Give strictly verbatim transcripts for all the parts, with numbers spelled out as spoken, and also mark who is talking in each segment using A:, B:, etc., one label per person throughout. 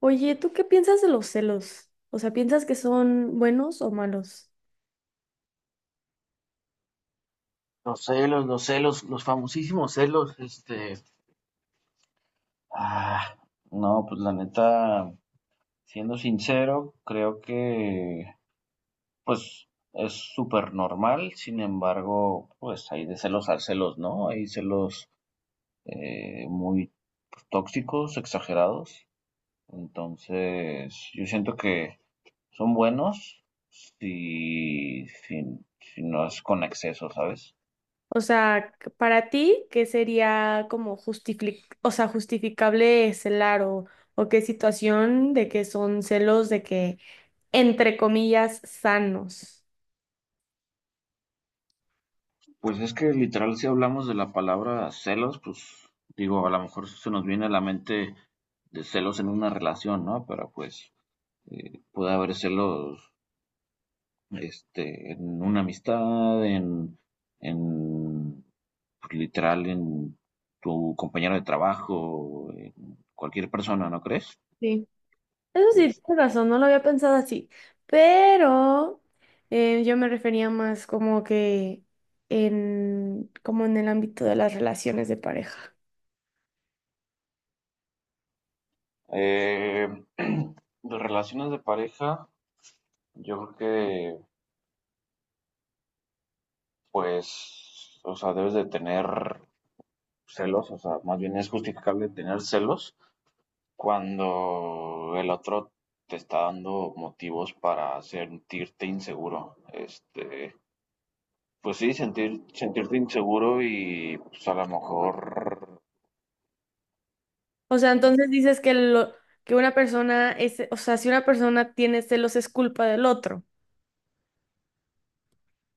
A: Oye, ¿tú qué piensas de los celos? O sea, ¿piensas que son buenos o malos?
B: Los celos, los celos, los famosísimos celos, este, Ah, no, pues la neta, siendo sincero, creo que pues es súper normal. Sin embargo, pues hay de celos a celos, ¿no? Hay celos eh, muy tóxicos, exagerados. Entonces yo siento que son buenos si, si, si no es con exceso, ¿sabes?
A: O sea, c- para ti, ¿qué sería como justific- o sea, justificable celar o, o qué situación de que son celos de que, entre comillas, sanos?
B: Pues es que literal, si hablamos de la palabra celos, pues digo, a lo mejor se nos viene a la mente de celos en una relación, ¿no? Pero pues eh, puede haber celos este, en una amistad, en, en pues, literal, en tu compañero de trabajo, en cualquier persona, ¿no crees?
A: Sí. Eso sí,
B: Es-
A: tienes razón, no lo había pensado así, pero eh, yo me refería más como que en, como en el ámbito de las relaciones de pareja.
B: eh, de relaciones de pareja, yo creo que, pues, o sea, debes de tener celos, o sea, más bien es justificable tener celos cuando el otro te está dando motivos para sentirte inseguro. Este, pues sí, sentir, sentirte inseguro y pues a lo mejor
A: O sea, entonces dices que lo que una persona es, o sea, si una persona tiene celos es culpa del otro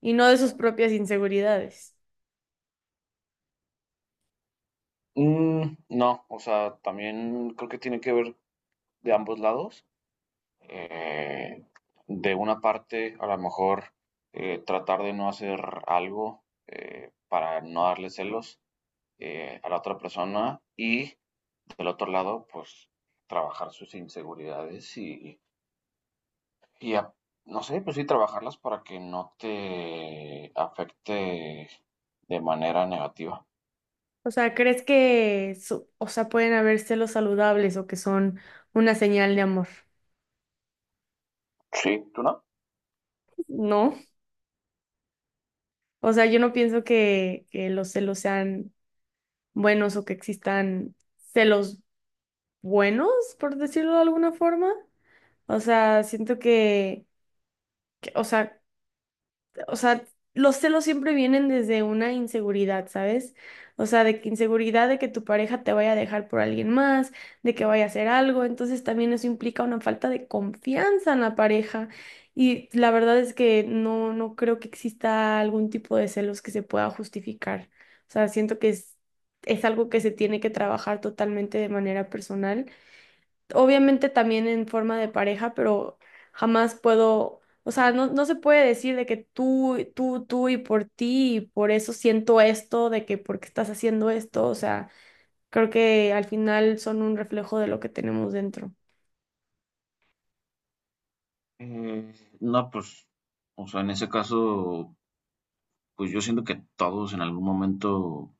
A: y no de sus propias inseguridades.
B: mm, no, o sea, también creo que tiene que ver de ambos lados. Eh, de una parte, a lo mejor eh, tratar de no hacer algo eh, para no darle celos eh, a la otra persona, y del otro lado, pues trabajar sus inseguridades y, y a- no sé, pues sí, trabajarlas para que no te afecte de manera negativa.
A: O sea, ¿crees que su- o sea, pueden haber celos saludables o que son una señal de amor?
B: Sí, ¿tú no?
A: No. O sea, yo no pienso que, que los celos sean buenos o que existan celos buenos, por decirlo de alguna forma. O sea, siento que, que- o sea, o sea, los celos siempre vienen desde una inseguridad, ¿sabes? O sea, de que inseguridad de que tu pareja te vaya a dejar por alguien más, de que vaya a hacer algo, entonces también eso implica una falta de confianza en la pareja. Y la verdad es que no, no creo que exista algún tipo de celos que se pueda justificar. O sea, siento que es, es algo que se tiene que trabajar totalmente de manera personal, obviamente también en forma de pareja, pero jamás puedo, o sea, no, no se puede decir de que tú, tú, tú y por ti, y por eso siento esto, de que porque estás haciendo esto, o sea, creo que al final son un reflejo de lo que tenemos dentro.
B: Mm, no, pues, o sea, en ese caso, pues yo siento que todos en algún momento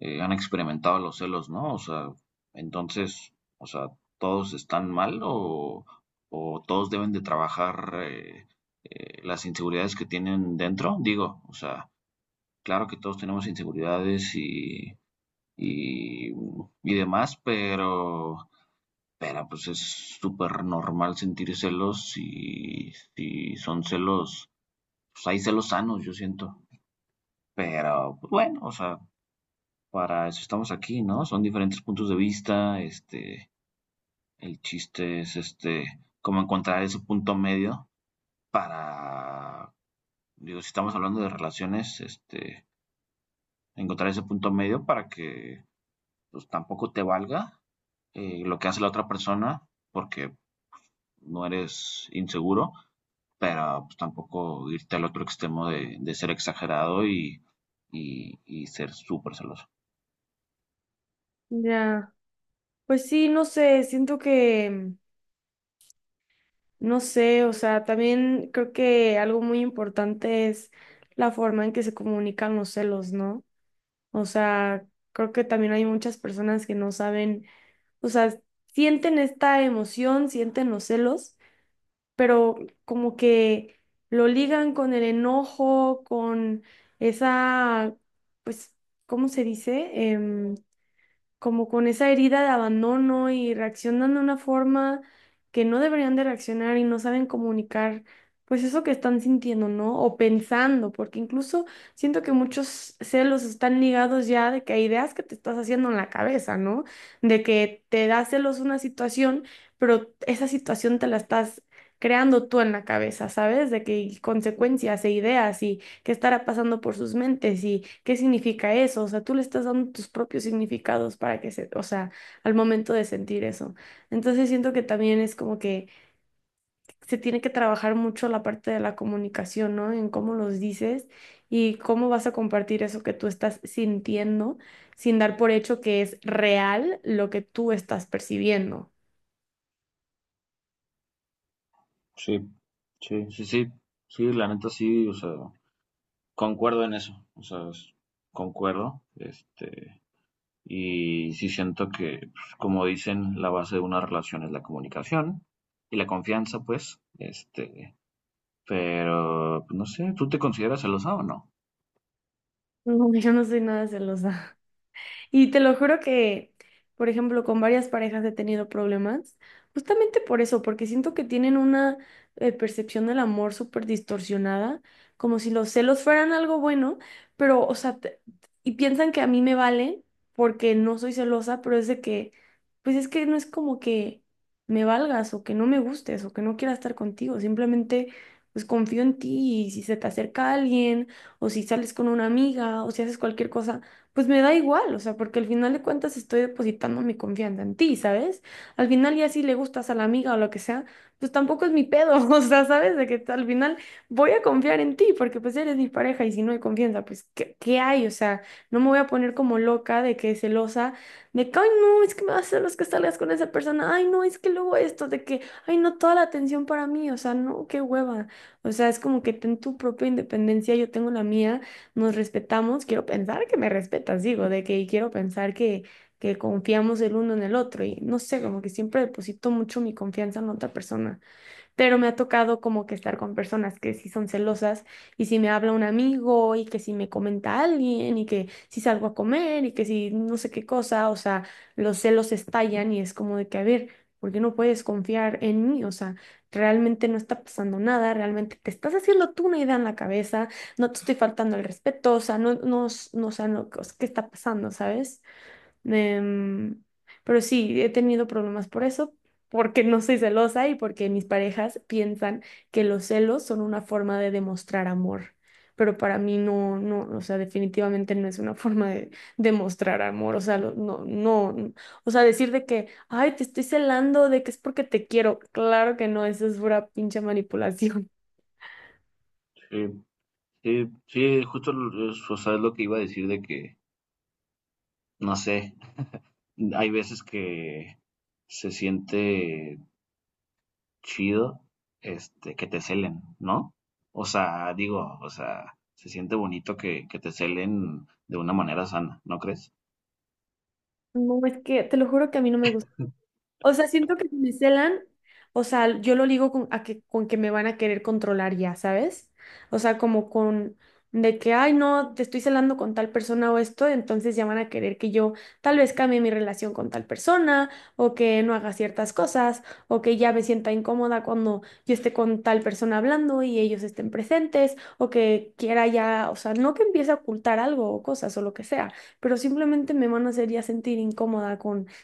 B: eh, han experimentado los celos, ¿no? O sea, entonces, o sea, ¿todos están mal o, o todos deben de trabajar eh, eh, las inseguridades que tienen dentro? Digo, o sea, claro que todos tenemos inseguridades y, y, y demás, pero, pero pues es súper normal sentir celos y y son celos, pues hay celos sanos, yo siento. Pero pues bueno, o sea, para eso estamos aquí, ¿no? Son diferentes puntos de vista. Este, el chiste es este, cómo encontrar ese punto medio para, digo, si estamos hablando de relaciones, este, encontrar ese punto medio para que pues tampoco te valga eh, lo que hace la otra persona porque no eres inseguro, pero pues, tampoco irte al otro extremo de, de ser exagerado y, y, y ser súper celoso.
A: Ya, pues sí, no sé, siento que, no sé, o sea, también creo que algo muy importante es la forma en que se comunican los celos, ¿no? O sea, creo que también hay muchas personas que no saben, o sea, sienten esta emoción, sienten los celos, pero como que lo ligan con el enojo, con esa, pues, ¿cómo se dice? Em, como con esa herida de abandono y reaccionan de una forma que no deberían de reaccionar y no saben comunicar, pues eso que están sintiendo, ¿no? O pensando, porque incluso siento que muchos celos están ligados ya de que a ideas que te estás haciendo en la cabeza, ¿no? De que te da celos una situación, pero esa situación te la estás creando tú en la cabeza, ¿sabes? De que y consecuencias e ideas y qué estará pasando por sus mentes y qué significa eso. O sea, tú le estás dando tus propios significados para que se, o sea, al momento de sentir eso. Entonces siento que también es como que se tiene que trabajar mucho la parte de la comunicación, ¿no? En cómo los dices y cómo vas a compartir eso que tú estás sintiendo sin dar por hecho que es real lo que tú estás percibiendo.
B: Sí, sí, sí, sí, sí, la neta sí, o sea, concuerdo en eso, o sea, es- concuerdo, este, y sí siento que, pues, como dicen, la base de una relación es la comunicación y la confianza, pues, este, pero, pues, no sé, ¿tú te consideras celosa o no?
A: No, yo no soy nada celosa. Y te lo juro que, por ejemplo, con varias parejas he tenido problemas, justamente por eso, porque siento que tienen una eh, percepción del amor súper distorsionada, como si los celos fueran algo bueno, pero, o sea, te- y piensan que a mí me vale porque no soy celosa, pero es de que, pues es que no es como que me valgas o que no me gustes o que no quiera estar contigo, simplemente... Pues confío en ti y si se te acerca alguien o si sales con una amiga o si haces cualquier cosa, pues me da igual, o sea, porque al final de cuentas estoy depositando mi confianza en ti, ¿sabes? Al final ya si le gustas a la amiga o lo que sea, pues tampoco es mi pedo, o sea, ¿sabes? De que al final voy a confiar en ti porque pues eres mi pareja y si no hay confianza, pues ¿qué, qué hay? O sea, no me voy a poner como loca de que celosa, de que, ay, no, es que me vas a hacer los que salgas con esa persona, ay, no, es que luego esto, de que, ay, no, toda la atención para mí, o sea, no, qué hueva. O sea, es como que ten tu propia independencia, yo tengo la mía, nos respetamos, quiero pensar que me respetas, digo, de que quiero pensar que, que confiamos el uno en el otro y no sé, como que siempre deposito mucho mi confianza en otra persona, pero me ha tocado como que estar con personas que sí son celosas y si me habla un amigo y que si me comenta alguien y que si salgo a comer y que si no sé qué cosa, o sea, los celos estallan y es como de que, a ver, ¿por qué no puedes confiar en mí? O sea, realmente no está pasando nada, realmente te estás haciendo tú una idea en la cabeza, no te estoy faltando el respeto, o sea, no, no, no, o sea, no, ¿qué está pasando, sabes? Em, pero sí, he tenido problemas por eso, porque no soy celosa y porque mis parejas piensan que los celos son una forma de demostrar amor. Pero para mí no, no, o sea, definitivamente no es una forma de demostrar amor. O sea, lo- no, no, n- o sea, decir de que, ay, te estoy celando, de que es porque te quiero. Claro que no, eso es pura pinche manipulación.
B: Sí, sí, sí, justo lo- es, o sea, es lo que iba a decir de que, no sé, hay veces que se siente chido, este, que te celen, ¿no? O sea, digo, o sea, se siente bonito que, que te celen de una manera sana, ¿no crees?
A: No, es que te lo juro que a mí no me gusta. O sea, siento que si me celan, o sea, yo lo ligo con, a que, con que me van a querer controlar ya, ¿sabes? O sea, como con de que, ay, no, te estoy celando con tal persona o esto, entonces ya van a querer que yo tal vez cambie mi relación con tal persona, o que no haga ciertas cosas, o que ya me sienta incómoda cuando yo esté con tal persona hablando y ellos estén presentes, o que quiera ya, o sea, no que empiece a ocultar algo o cosas o lo que sea, pero simplemente me van a hacer ya sentir incómoda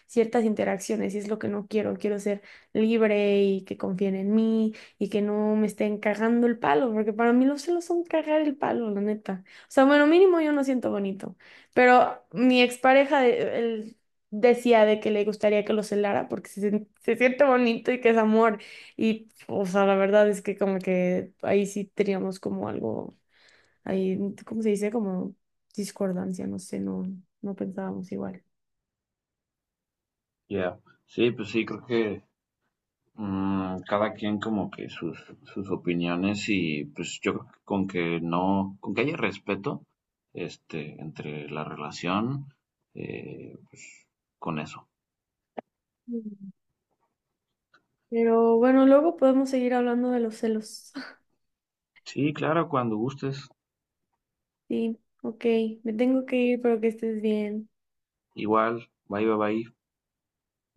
A: ciertas interacciones y es lo que no quiero. Quiero ser libre y que confíen en mí y que no me estén cagando el palo, porque para mí los celos son cagar el palo, la neta. O sea, bueno, mínimo yo no siento bonito, pero mi expareja de- él decía de que le gustaría que lo celara porque se, sien- se siente bonito y que es amor. Y, o sea, la verdad es que como que ahí sí teníamos como algo, ahí, ¿cómo se dice? Como discordancia, no sé, no, no pensábamos igual.
B: Ya, sí, pues sí, creo que mm, cada quien como que sus, sus opiniones, y pues yo creo que con que no, con que haya respeto, este, entre la relación, eh, pues con eso.
A: Pero bueno, luego podemos seguir hablando de los celos.
B: Sí, claro, cuando gustes.
A: Sí, ok, me tengo que ir, pero que estés bien.
B: Igual, bye, bye, bye.